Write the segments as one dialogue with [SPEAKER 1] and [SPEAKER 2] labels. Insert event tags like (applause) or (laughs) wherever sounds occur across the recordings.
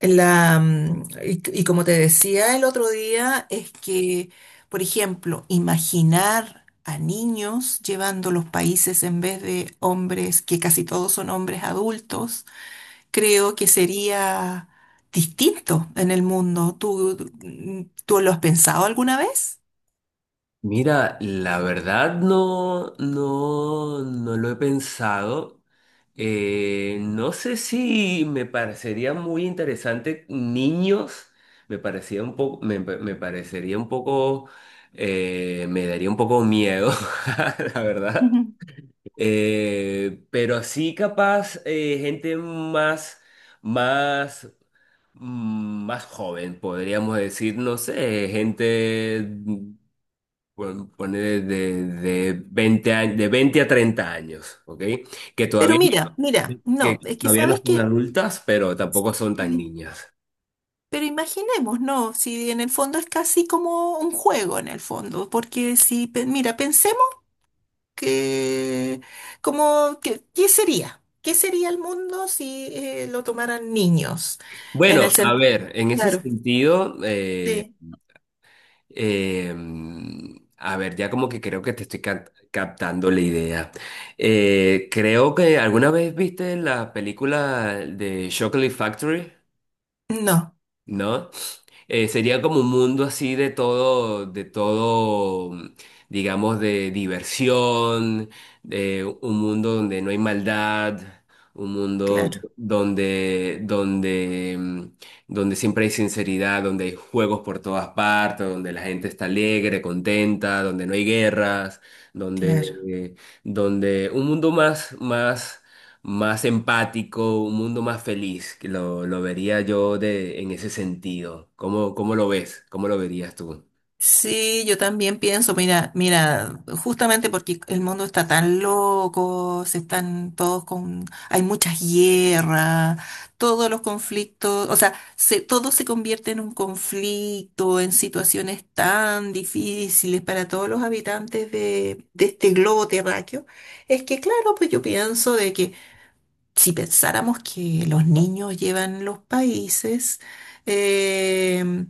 [SPEAKER 1] Y como te decía el otro día, es que, por ejemplo, imaginar a niños llevando los países en vez de hombres, que casi todos son hombres adultos, creo que sería distinto en el mundo. ¿Tú lo has pensado alguna vez?
[SPEAKER 2] Mira, la verdad no lo he pensado. No sé si me parecería muy interesante niños. Me parecía un poco, me parecería un poco, me daría un poco miedo, (laughs) la
[SPEAKER 1] (laughs)
[SPEAKER 2] verdad.
[SPEAKER 1] Ujú.
[SPEAKER 2] Pero sí capaz gente más, más, más joven, podríamos decir, no sé, gente bueno, poner de 20 años, de 20 a 30 años, ¿ok? Que
[SPEAKER 1] Pero
[SPEAKER 2] todavía,
[SPEAKER 1] mira, mira, no,
[SPEAKER 2] que
[SPEAKER 1] es que
[SPEAKER 2] todavía no
[SPEAKER 1] sabes
[SPEAKER 2] son
[SPEAKER 1] que,
[SPEAKER 2] adultas, pero tampoco son tan
[SPEAKER 1] sí,
[SPEAKER 2] niñas.
[SPEAKER 1] pero imaginemos, no, si en el fondo es casi como un juego en el fondo, porque si, mira, pensemos que, como, que, ¿qué sería? ¿Qué sería el mundo si lo tomaran niños? En el
[SPEAKER 2] Bueno, a
[SPEAKER 1] sentido,
[SPEAKER 2] ver, en ese
[SPEAKER 1] claro,
[SPEAKER 2] sentido,
[SPEAKER 1] sí,
[SPEAKER 2] eh, a ver, ya como que creo que te estoy captando la idea. Creo que alguna vez viste la película de Chocolate Factory,
[SPEAKER 1] no,
[SPEAKER 2] ¿no? Sería como un mundo así de todo, digamos, de diversión, de un mundo donde no hay maldad, un mundo
[SPEAKER 1] claro,
[SPEAKER 2] donde, donde siempre hay sinceridad, donde hay juegos por todas partes, donde la gente está alegre, contenta, donde no hay guerras,
[SPEAKER 1] claro.
[SPEAKER 2] donde, donde un mundo más, más empático, un mundo más feliz, que lo vería yo de, en ese sentido. ¿Cómo, cómo lo ves? ¿Cómo lo verías tú?
[SPEAKER 1] Sí, yo también pienso, mira, mira, justamente porque el mundo está tan loco, se están todos con, hay muchas guerras, todos los conflictos, o sea, todo se convierte en un conflicto, en situaciones tan difíciles para todos los habitantes de este globo terráqueo, es que claro, pues yo pienso de que si pensáramos que los niños llevan los países, eh,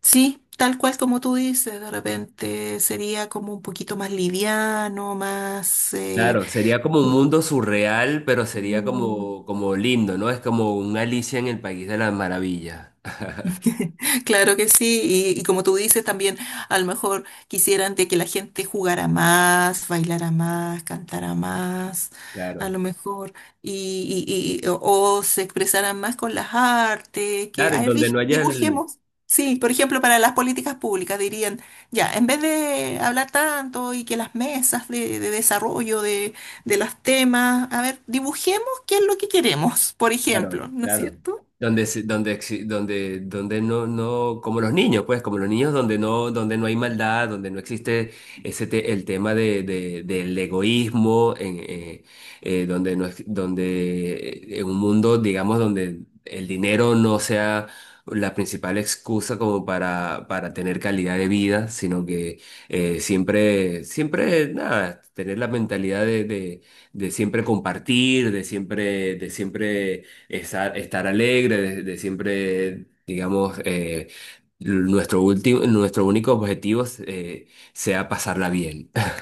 [SPEAKER 1] sí, tal cual como tú dices, de repente sería como un poquito más liviano, más...
[SPEAKER 2] Claro, sería como un mundo surreal, pero sería
[SPEAKER 1] mm,
[SPEAKER 2] como, como lindo, ¿no? Es como un Alicia en el País de las Maravillas.
[SPEAKER 1] (laughs) Claro que sí, y como tú dices también, a lo mejor quisieran de que la gente jugara más, bailara más, cantara más, a
[SPEAKER 2] Claro.
[SPEAKER 1] lo mejor, y, y- y- o, o se expresaran más con las artes, que
[SPEAKER 2] Claro, y
[SPEAKER 1] ay,
[SPEAKER 2] donde no haya el,
[SPEAKER 1] dibujemos. Sí, por ejemplo, para las políticas públicas dirían, ya, en vez de hablar tanto y que las mesas de desarrollo de los temas, a ver, dibujemos qué es lo que queremos, por
[SPEAKER 2] claro,
[SPEAKER 1] ejemplo, ¿no es
[SPEAKER 2] claro.
[SPEAKER 1] cierto?
[SPEAKER 2] Donde, se- donde, exi- donde, donde no, no, Como los niños, pues, como los niños donde donde no hay maldad, donde no existe ese el tema de, del egoísmo, en, donde no, donde en un mundo, digamos, donde el dinero no sea la principal excusa como para tener calidad de vida, sino que siempre, siempre, nada, tener la mentalidad de siempre compartir, de siempre estar, estar alegre, de siempre, digamos, nuestro último, nuestro único objetivo sea pasarla bien. (laughs)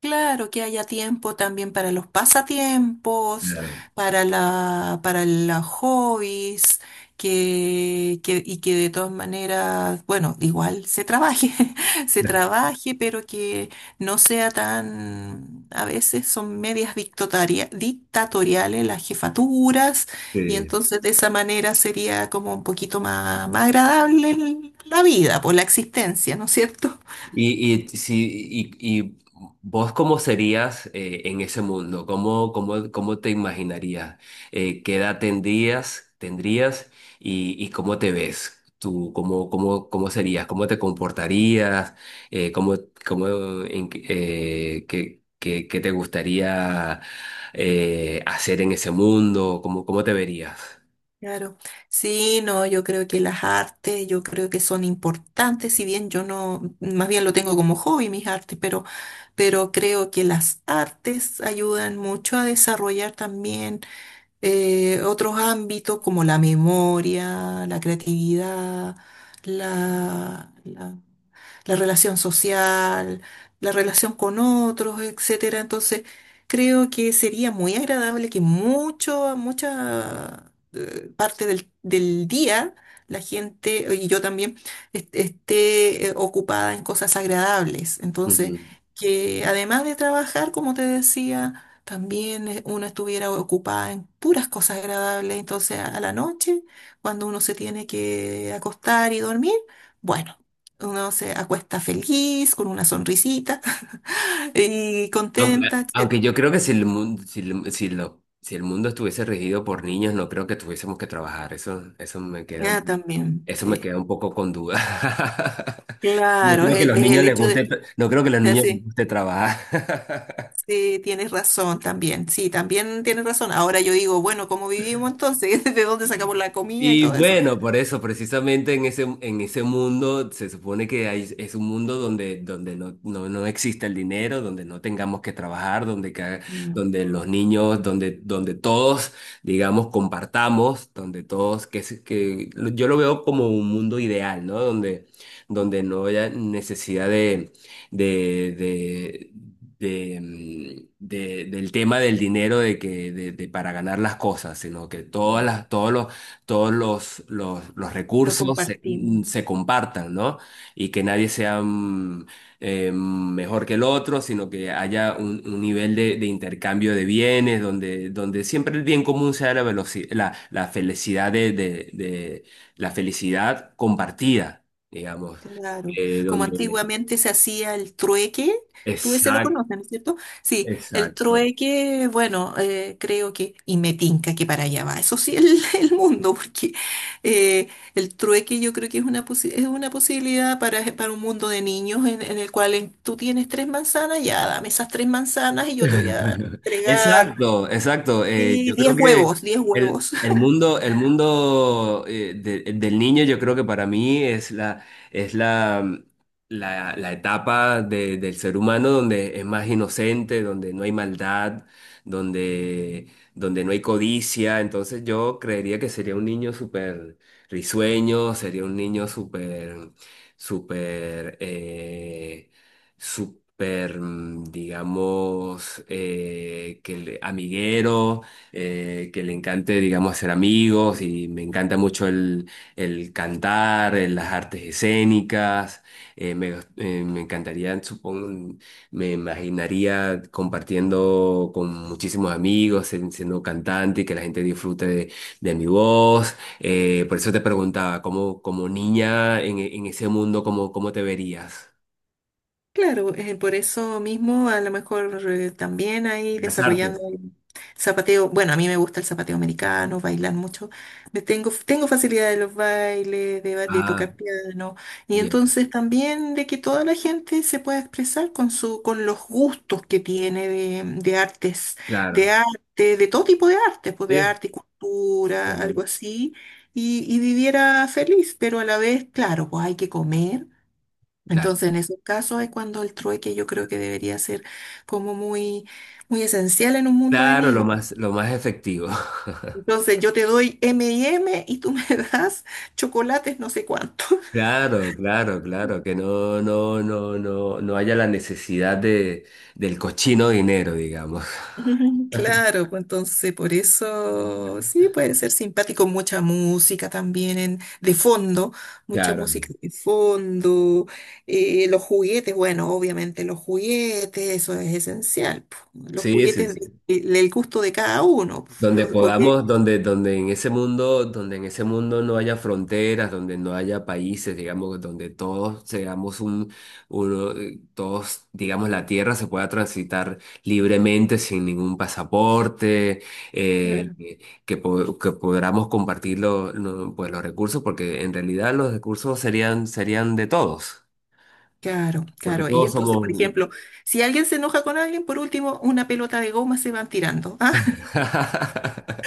[SPEAKER 1] Claro que haya tiempo también para los pasatiempos,
[SPEAKER 2] Claro.
[SPEAKER 1] para la, para los hobbies, que, y que de todas maneras, bueno, igual se trabaje, (laughs) se trabaje, pero que no sea tan, a veces son medias dictatoriales las jefaturas, y
[SPEAKER 2] Sí.
[SPEAKER 1] entonces de esa manera sería como un poquito más, más agradable la vida, por la existencia, ¿no es cierto?
[SPEAKER 2] Y, si, y, Y vos cómo serías en ese mundo, ¿cómo, cómo, cómo te imaginarías? ¿Qué edad tendrías, tendrías y cómo te ves? ¿Tú cómo, cómo, cómo serías? ¿Cómo te comportarías? ¿Cómo, cómo, en qué, qué te gustaría hacer en ese mundo? ¿Cómo, cómo te verías?
[SPEAKER 1] Claro, sí, no, yo creo que las artes, yo creo que son importantes, si bien yo no, más bien lo tengo como hobby mis artes, pero creo que las artes ayudan mucho a desarrollar también otros ámbitos como la memoria, la creatividad, la, la- la relación social, la relación con otros, etcétera. Entonces, creo que sería muy agradable que mucho, mucha parte del, del día la gente, y yo también, esté ocupada en cosas agradables. Entonces, que además de trabajar, como te decía, también uno estuviera ocupada en puras cosas agradables. Entonces, a la noche, cuando uno se tiene que acostar y dormir, bueno. Uno se acuesta feliz, con una sonrisita (laughs) y
[SPEAKER 2] Aunque,
[SPEAKER 1] contenta,
[SPEAKER 2] aunque
[SPEAKER 1] etcétera.
[SPEAKER 2] yo creo que si el mundo, si, si el mundo estuviese regido por niños, no creo que tuviésemos que trabajar. Eso me queda
[SPEAKER 1] Ah,
[SPEAKER 2] un,
[SPEAKER 1] también,
[SPEAKER 2] eso me
[SPEAKER 1] sí.
[SPEAKER 2] queda un poco con duda. (laughs) No
[SPEAKER 1] Claro,
[SPEAKER 2] creo que los
[SPEAKER 1] es
[SPEAKER 2] niños
[SPEAKER 1] el
[SPEAKER 2] les
[SPEAKER 1] hecho de
[SPEAKER 2] guste,
[SPEAKER 1] que...
[SPEAKER 2] no creo que los
[SPEAKER 1] (laughs)
[SPEAKER 2] niños les
[SPEAKER 1] Sí,
[SPEAKER 2] guste trabajar.
[SPEAKER 1] sí, tienes razón también. Sí, también tienes razón. Ahora yo digo, bueno, ¿cómo vivimos entonces? (laughs) ¿De dónde sacamos la comida y
[SPEAKER 2] Y
[SPEAKER 1] todo eso?
[SPEAKER 2] bueno, por eso, precisamente en ese mundo, se supone que hay, es un mundo donde, no existe el dinero, donde no tengamos que trabajar,
[SPEAKER 1] Mm,
[SPEAKER 2] donde los niños, donde, donde todos, digamos, compartamos, donde todos, que, se- que lo- yo lo veo como un mundo ideal, ¿no? Donde, donde
[SPEAKER 1] mm,
[SPEAKER 2] no haya necesidad de, de, de, del tema del dinero de para ganar las cosas, sino que todas
[SPEAKER 1] mm.
[SPEAKER 2] las todos los, los
[SPEAKER 1] Lo
[SPEAKER 2] recursos
[SPEAKER 1] compartimos.
[SPEAKER 2] se compartan, ¿no? Y que nadie sea mejor que el otro, sino que haya un nivel de intercambio de bienes, donde, donde siempre el bien común sea la la felicidad de, la felicidad compartida, digamos,
[SPEAKER 1] Claro, como
[SPEAKER 2] donde...
[SPEAKER 1] antiguamente se hacía el trueque, tú ese lo
[SPEAKER 2] Exacto,
[SPEAKER 1] conoces, ¿no es cierto? Sí, el
[SPEAKER 2] exacto.
[SPEAKER 1] trueque, bueno, creo que, y me tinca que para allá va, eso sí, el, (laughs) el mundo, porque eh, el trueque yo creo que es una, es una posibilidad para un mundo de niños en el cual tú tienes 3 manzanas, ya dame esas 3 manzanas y yo te voy a
[SPEAKER 2] (laughs)
[SPEAKER 1] entregar
[SPEAKER 2] Exacto, exacto. Yo creo
[SPEAKER 1] diez
[SPEAKER 2] que
[SPEAKER 1] huevos, diez huevos.
[SPEAKER 2] el mundo del niño, yo creo que para mí es la, es la, mm, la, la etapa del ser humano donde es más inocente, donde no hay maldad, donde, donde no hay codicia. Entonces yo creería que sería un niño súper risueño, sería un niño súper, súper... súper, digamos, amiguero, que le encante, digamos, hacer amigos y me encanta mucho el cantar, las artes escénicas. eh, me, Me encantaría, supongo, me imaginaría compartiendo con muchísimos amigos, siendo cantante y que la gente disfrute de mi voz. Por eso te preguntaba, ¿cómo, como niña en ese mundo, cómo, cómo te verías?
[SPEAKER 1] Claro, por eso mismo a lo mejor también ahí
[SPEAKER 2] Las
[SPEAKER 1] desarrollando
[SPEAKER 2] artes.
[SPEAKER 1] el zapateo, bueno, a mí me gusta el zapateo americano, bailar mucho, me tengo, tengo facilidad de los bailes, de, de
[SPEAKER 2] Ah,
[SPEAKER 1] tocar piano, y
[SPEAKER 2] bien,
[SPEAKER 1] entonces también de que toda la gente se pueda expresar con su, con los gustos que tiene de artes, de
[SPEAKER 2] claro.
[SPEAKER 1] arte, de todo tipo de arte, pues de
[SPEAKER 2] ¿Sí?
[SPEAKER 1] arte y cultura,
[SPEAKER 2] Ujú,
[SPEAKER 1] algo así, y viviera feliz, pero a la vez, claro, pues hay que comer.
[SPEAKER 2] claro,
[SPEAKER 1] Entonces, en esos casos es cuando el trueque yo creo que debería ser como muy, muy esencial en un mundo de
[SPEAKER 2] claro,
[SPEAKER 1] niños.
[SPEAKER 2] lo más efectivo. (laughs)
[SPEAKER 1] Entonces, yo te doy M&M y eme y tú me (laughs) das chocolates no sé cuánto.
[SPEAKER 2] Claro, claro, claro, que no haya la necesidad de, del cochino dinero, digamos. (laughs)
[SPEAKER 1] (laughs) Claro, pues entonces por eso sí puede ser simpático, mucha música también de fondo, mucha
[SPEAKER 2] Claro.
[SPEAKER 1] música de fondo, los juguetes, bueno, obviamente los juguetes, eso es esencial, po, los
[SPEAKER 2] Sí, sí,
[SPEAKER 1] juguetes
[SPEAKER 2] sí.
[SPEAKER 1] del gusto de cada uno, po,
[SPEAKER 2] Donde podamos, donde, donde en ese mundo, donde en ese mundo no haya fronteras, donde no haya países, digamos, donde todos seamos un, uno, todos, digamos, la tierra se pueda transitar libremente sin ningún pasaporte, eh,
[SPEAKER 1] Claro.
[SPEAKER 2] que, que podamos compartir pues, los recursos, porque en realidad los recursos serían, serían de todos,
[SPEAKER 1] Claro,
[SPEAKER 2] porque
[SPEAKER 1] claro. Y
[SPEAKER 2] todos
[SPEAKER 1] entonces,
[SPEAKER 2] somos.
[SPEAKER 1] por ejemplo, si alguien se enoja con alguien, por último, una pelota de goma se van tirando. ¿Ah?
[SPEAKER 2] (laughs)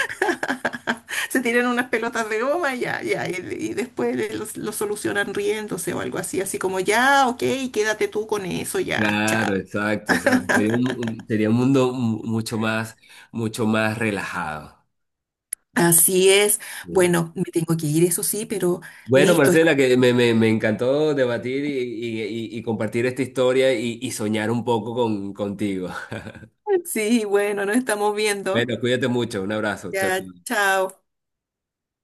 [SPEAKER 1] (laughs) Se tiran unas pelotas de goma y ya, ya. Y después lo, solucionan riéndose o algo así, así como ya, ok, quédate tú con eso, ya,
[SPEAKER 2] Claro,
[SPEAKER 1] chao.
[SPEAKER 2] exacto, exacto. Sería un, sería un mundo mucho más relajado.
[SPEAKER 1] Así es.
[SPEAKER 2] Sí.
[SPEAKER 1] Bueno, me tengo que ir, eso sí, pero
[SPEAKER 2] Bueno,
[SPEAKER 1] listo.
[SPEAKER 2] Marcela,
[SPEAKER 1] (laughs)
[SPEAKER 2] que me encantó debatir y, compartir esta historia y soñar un poco con, contigo. (laughs)
[SPEAKER 1] Sí, bueno, nos estamos viendo.
[SPEAKER 2] Bueno, cuídate mucho, un abrazo, chao.
[SPEAKER 1] Ya,
[SPEAKER 2] Chao.
[SPEAKER 1] chao.